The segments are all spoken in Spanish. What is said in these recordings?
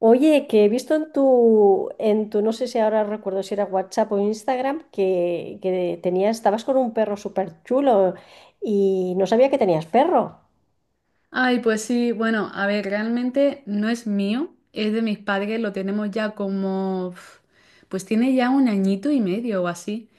Oye, que he visto en tu, no sé si ahora recuerdo si era WhatsApp o Instagram, que tenías, estabas con un perro súper chulo y no sabía que tenías perro. Ay, pues sí, bueno, a ver, realmente no es mío, es de mis padres, lo tenemos ya como, pues tiene ya un añito y medio o así.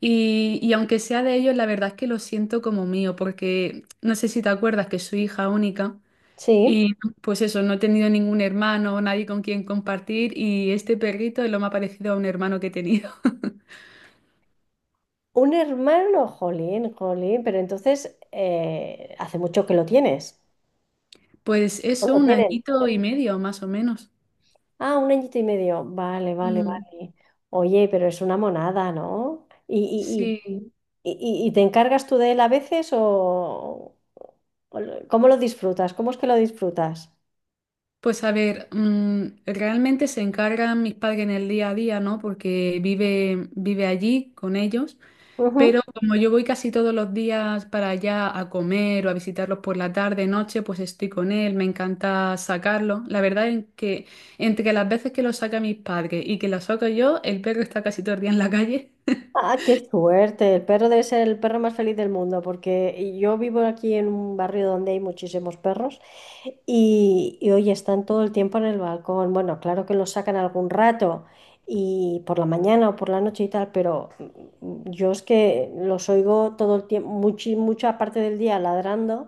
Y aunque sea de ellos, la verdad es que lo siento como mío, porque no sé si te acuerdas que soy hija única Sí. y pues eso, no he tenido ningún hermano, nadie con quien compartir y este perrito es lo más parecido a un hermano que he tenido. Un hermano, jolín, jolín, pero entonces hace mucho que lo tienes. Pues ¿O eso, lo un tienen? añito y medio, más o menos. Ah, un añito y medio. Vale, vale, Mm, vale. Oye, pero es una monada, ¿no? Sí. y, y, y te encargas tú de él a veces o ¿cómo lo disfrutas? ¿Cómo es que lo disfrutas? Pues a ver, realmente se encargan mis padres en el día a día, ¿no? Porque vive allí con ellos, Ujú. pero como yo voy casi todos los días para allá a comer o a visitarlos por la tarde, noche, pues estoy con él, me encanta sacarlo. La verdad es que entre las veces que lo saca mis padres y que lo saco yo, el perro está casi todo el día en la calle. Ah, qué suerte. El perro debe ser el perro más feliz del mundo, porque yo vivo aquí en un barrio donde hay muchísimos perros y oye, están todo el tiempo en el balcón. Bueno, claro que los sacan algún rato y por la mañana o por la noche y tal, pero yo es que los oigo todo el tiempo, mucha parte del día ladrando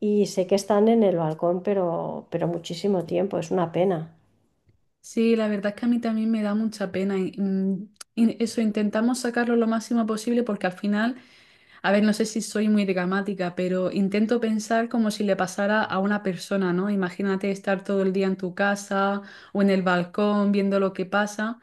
y sé que están en el balcón, pero muchísimo tiempo. Es una pena. Sí, la verdad es que a mí también me da mucha pena. Y eso, intentamos sacarlo lo máximo posible porque al final... A ver, no sé si soy muy dramática, pero intento pensar como si le pasara a una persona, ¿no? Imagínate estar todo el día en tu casa o en el balcón viendo lo que pasa.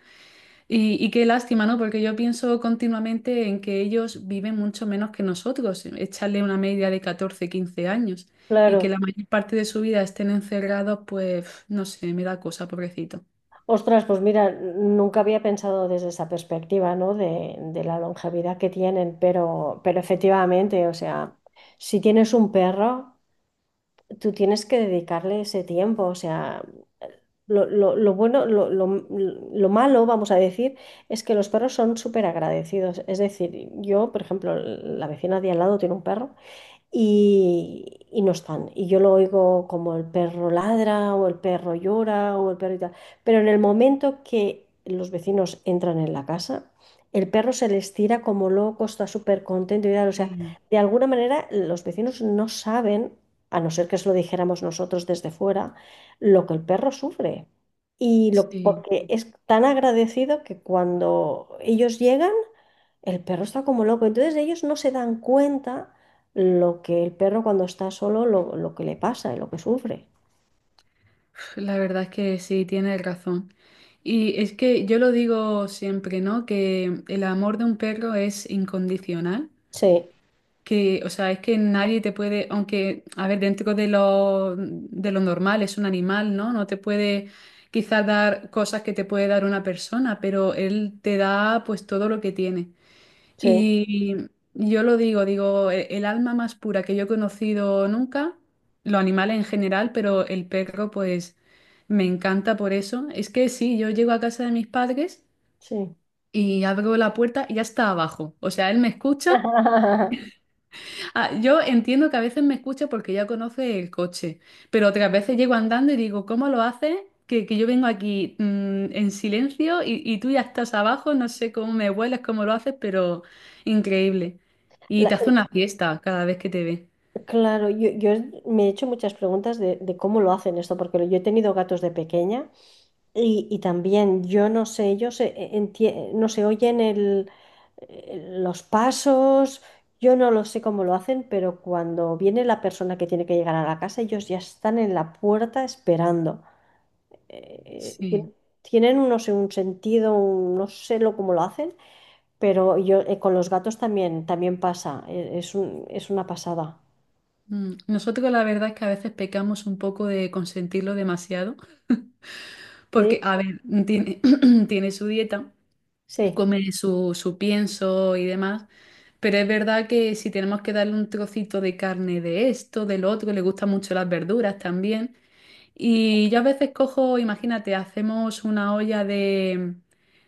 Y qué lástima, ¿no? Porque yo pienso continuamente en que ellos viven mucho menos que nosotros, echarle una media de 14, 15 años y que Claro. la mayor parte de su vida estén encerrados, pues no sé, me da cosa, pobrecito. Ostras, pues mira, nunca había pensado desde esa perspectiva, ¿no? De la longevidad que tienen, pero efectivamente, o sea, si tienes un perro, tú tienes que dedicarle ese tiempo, o sea, lo bueno, lo malo, vamos a decir, es que los perros son súper agradecidos. Es decir, yo, por ejemplo, la vecina de al lado tiene un perro y no están. Y yo lo oigo como el perro ladra o el perro llora o el perro y tal. Pero en el momento que los vecinos entran en la casa, el perro se les tira como loco, está súper contento y tal. O sea, Sí, de alguna manera los vecinos no saben, a no ser que se lo dijéramos nosotros desde fuera, lo que el perro sufre. Y lo, sí. porque es tan agradecido que cuando ellos llegan, el perro está como loco, entonces ellos no se dan cuenta lo que el perro cuando está solo, lo que le pasa y lo que sufre. La verdad es que sí, tienes razón. Y es que yo lo digo siempre, ¿no? Que el amor de un perro es incondicional, Sí, que, o sea, es que nadie te puede, aunque, a ver, dentro de lo normal, es un animal, ¿no? No te puede quizás dar cosas que te puede dar una persona, pero él te da pues todo lo que tiene. sí, Y yo lo digo, digo, el alma más pura que yo he conocido nunca, los animales en general, pero el perro pues me encanta por eso. Es que sí, yo llego a casa de mis padres sí. y abro la puerta y ya está abajo. O sea, él me escucha. Ah, yo entiendo que a veces me escucha porque ya conoce el coche, pero otras veces llego andando y digo, ¿cómo lo haces? Que yo vengo aquí en silencio y tú ya estás abajo, no sé cómo me vuelas, cómo lo haces, pero increíble. Y La- te hace una fiesta cada vez que te ve. claro, yo me he hecho muchas preguntas de cómo lo hacen esto, porque yo he tenido gatos de pequeña y también yo no sé, ellos no se oyen los pasos, yo no lo sé cómo lo hacen, pero cuando viene la persona que tiene que llegar a la casa, ellos ya están en la puerta esperando. eh, Sí. tien- Tienen, no sé, un sentido, no sé lo, cómo lo hacen, pero yo con los gatos también, también pasa, es una pasada. Mm, nosotros la verdad es que a veces pecamos un poco de consentirlo demasiado, Sí, porque, a ver, tiene, tiene su dieta. sí. Come su pienso y demás. Pero es verdad que si tenemos que darle un trocito de carne de esto, del otro, le gustan mucho las verduras también. Y yo a veces cojo, imagínate, hacemos una olla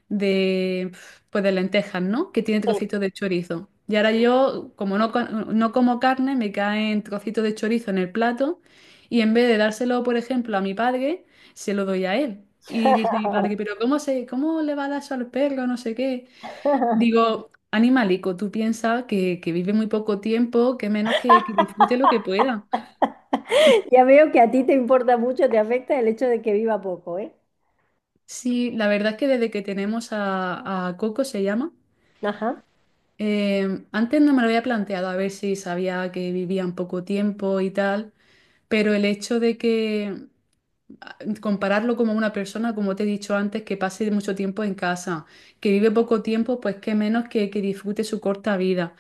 de, pues de lentejas, ¿no? Que tiene Sí. trocitos de chorizo. Y ahora yo, como no, no como carne, me caen trocitos de chorizo en el plato y en vez de dárselo, por ejemplo, a mi padre, se lo doy a él. Y dice mi padre, pero ¿cómo se, cómo le va a dar eso al perro? No sé qué. Digo, animalico, tú piensas que vive muy poco tiempo, que menos que disfrute lo que pueda. Ya veo que a ti te importa mucho, te afecta el hecho de que viva poco, ¿eh? Sí, la verdad es que desde que tenemos a Coco, se llama, Ajá, antes no me lo había planteado a ver si sabía que vivían poco tiempo y tal, pero el hecho de que compararlo como una persona, como te he dicho antes, que pase mucho tiempo en casa, que vive poco tiempo, pues que menos que disfrute su corta vida.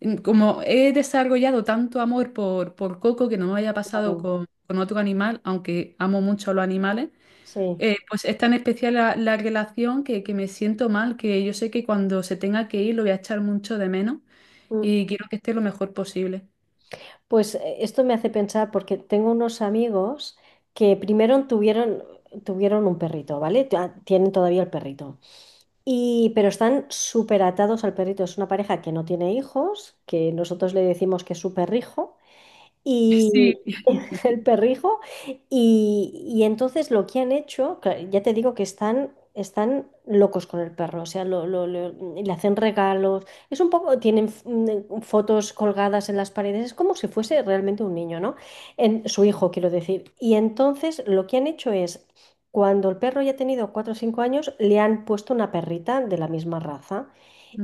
Mm, como he desarrollado tanto amor por Coco que no me haya pasado claro, con otro animal, aunque amo mucho a los animales, sí. Pues es tan especial la, la relación que me siento mal, que yo sé que cuando se tenga que ir lo voy a echar mucho de menos Mm. y quiero que esté lo mejor posible. Pues esto me hace pensar porque tengo unos amigos que tuvieron un perrito, ¿vale? Tienen todavía el perrito. Y, pero están súper atados al perrito. Es una pareja que no tiene hijos, que nosotros le decimos que es su perrijo. Mm. Sí. Y, el perrijo. Y entonces lo que han hecho, que ya te digo que están locos con el perro, o sea, le hacen regalos, es un poco, tienen fotos colgadas en las paredes, es como si fuese realmente un niño, ¿no? En, su hijo, quiero decir. Y entonces lo que han hecho es, cuando el perro ya ha tenido 4 o 5 años, le han puesto una perrita de la misma raza.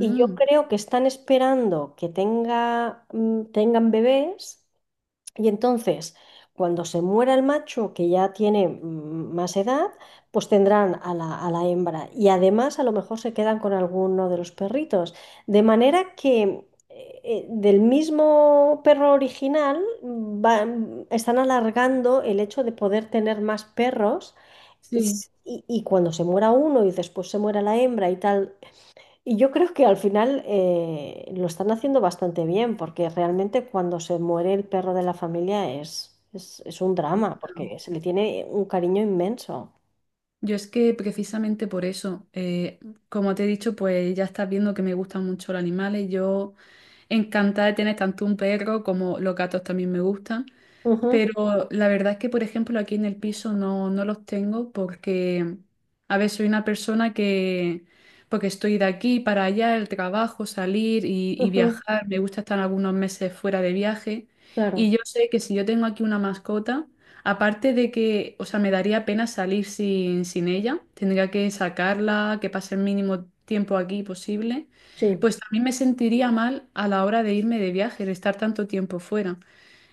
Y yo creo que están esperando que tengan bebés y entonces, cuando se muera el macho, que ya tiene más edad, pues tendrán a la hembra. Y además, a lo mejor se quedan con alguno de los perritos. De manera que del mismo perro original están alargando el hecho de poder tener más perros. sí. Y cuando se muera uno y después se muera la hembra y tal, y yo creo que al final lo están haciendo bastante bien, porque realmente cuando se muere el perro de la familia es un drama, porque se le tiene un cariño inmenso. Yo es que precisamente por eso, como te he dicho, pues ya estás viendo que me gustan mucho los animales. Yo encantada de tener tanto un perro como los gatos también me gustan. Ujú, Pero la verdad es que, por ejemplo, aquí en el piso no, no los tengo porque a ver, soy una persona que, porque estoy de aquí para allá, el trabajo, salir y ujú, viajar, me gusta estar algunos meses fuera de viaje. claro, Y yo sé que si yo tengo aquí una mascota, aparte de que, o sea, me daría pena salir sin ella, tendría que sacarla, que pase el mínimo tiempo aquí posible, sí. pues también me sentiría mal a la hora de irme de viaje, de estar tanto tiempo fuera.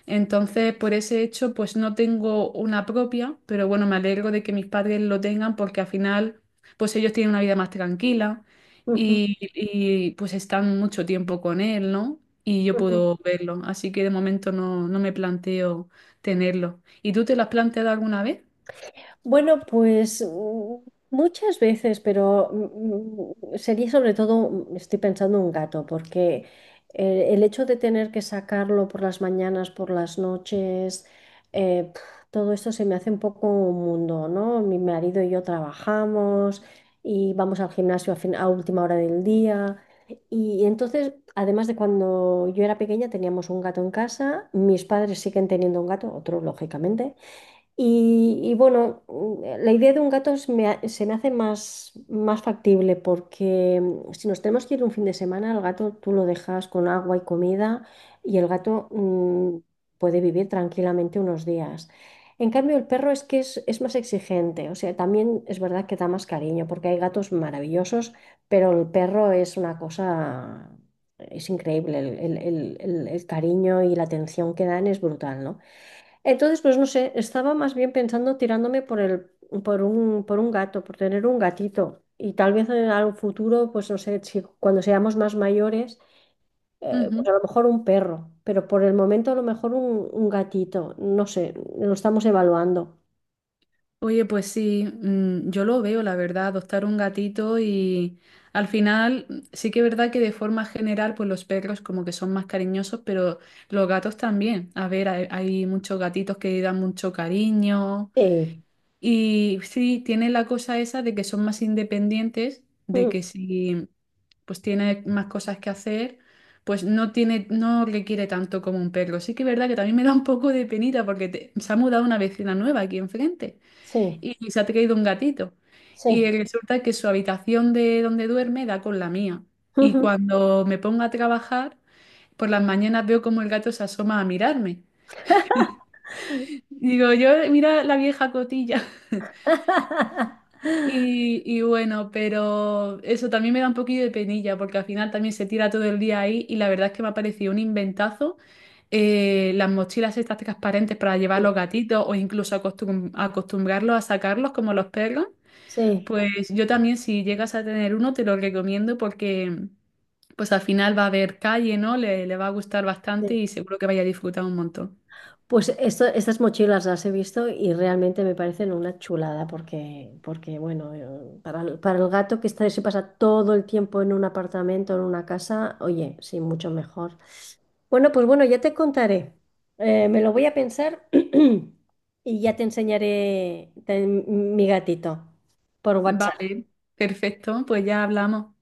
Entonces, por ese hecho, pues no tengo una propia, pero bueno, me alegro de que mis padres lo tengan porque al final, pues ellos tienen una vida más tranquila Ujú, pues están mucho tiempo con él, ¿no? Y yo ujú. puedo verlo. Así que de momento no, no me planteo tenerlo. ¿Y tú te lo has planteado alguna vez? Bueno, pues muchas veces, pero sería sobre todo, estoy pensando en un gato, porque el hecho de tener que sacarlo por las mañanas, por las noches, eh, pf, todo esto se me hace un poco un mundo, ¿no? Mi marido y yo trabajamos y vamos al gimnasio a última hora del día. Y entonces, además de cuando yo era pequeña, teníamos un gato en casa, mis padres siguen teniendo un gato, otro lógicamente. Y bueno, la idea de un gato se me hace más factible porque si nos tenemos que ir un fin de semana, al gato tú lo dejas con agua y comida y el gato puede vivir tranquilamente unos días. En cambio, el perro es que es más exigente, o sea, también es verdad que da más cariño porque hay gatos maravillosos, pero el perro es una cosa, es increíble, el cariño y la atención que dan es brutal, ¿no? Entonces, pues no sé, estaba más bien pensando tirándome por por un gato, por tener un gatito. Y tal vez en algún futuro, pues no sé, si cuando seamos más mayores, pues Ujú. a lo mejor un perro, pero por el momento a lo mejor un gatito, no sé, lo estamos evaluando. Oye, pues sí, yo lo veo, la verdad, adoptar un gatito y al final sí que es verdad que de forma general, pues los perros como que son más cariñosos, pero los gatos también. A ver, hay muchos gatitos que dan mucho cariño Eh, y sí, tiene la cosa esa de que son más independientes, de mm, que si pues tiene más cosas que hacer, pues no tiene, no requiere tanto como un perro. Sí que es verdad que también me da un poco de penita porque se ha mudado una vecina nueva aquí enfrente sí, y se ha traído un gatito. Y sí. resulta que su habitación de donde duerme da con la mía. Y cuando me pongo a trabajar, por las mañanas veo como el gato se asoma a mirarme. Y digo, yo, mira la vieja cotilla. Y bueno, pero eso también me da un poquillo de penilla, porque al final también se tira todo el día ahí y la verdad es que me ha parecido un inventazo las mochilas estas transparentes para llevar los gatitos o incluso acostumbrarlos a sacarlos como los perros. Sí, Pues yo también, si llegas a tener uno, te lo recomiendo porque pues al final va a haber calle, ¿no? Le va a gustar bastante sí. y seguro que vaya a disfrutar un montón. Pues estas mochilas las he visto y realmente me parecen una chulada porque, porque bueno, para para el gato que está, se pasa todo el tiempo en un apartamento, en una casa, oye, sí, mucho mejor. Bueno, pues bueno, ya te contaré. Me lo voy a pensar y ya te enseñaré mi gatito por WhatsApp. Vale, perfecto, pues ya hablamos.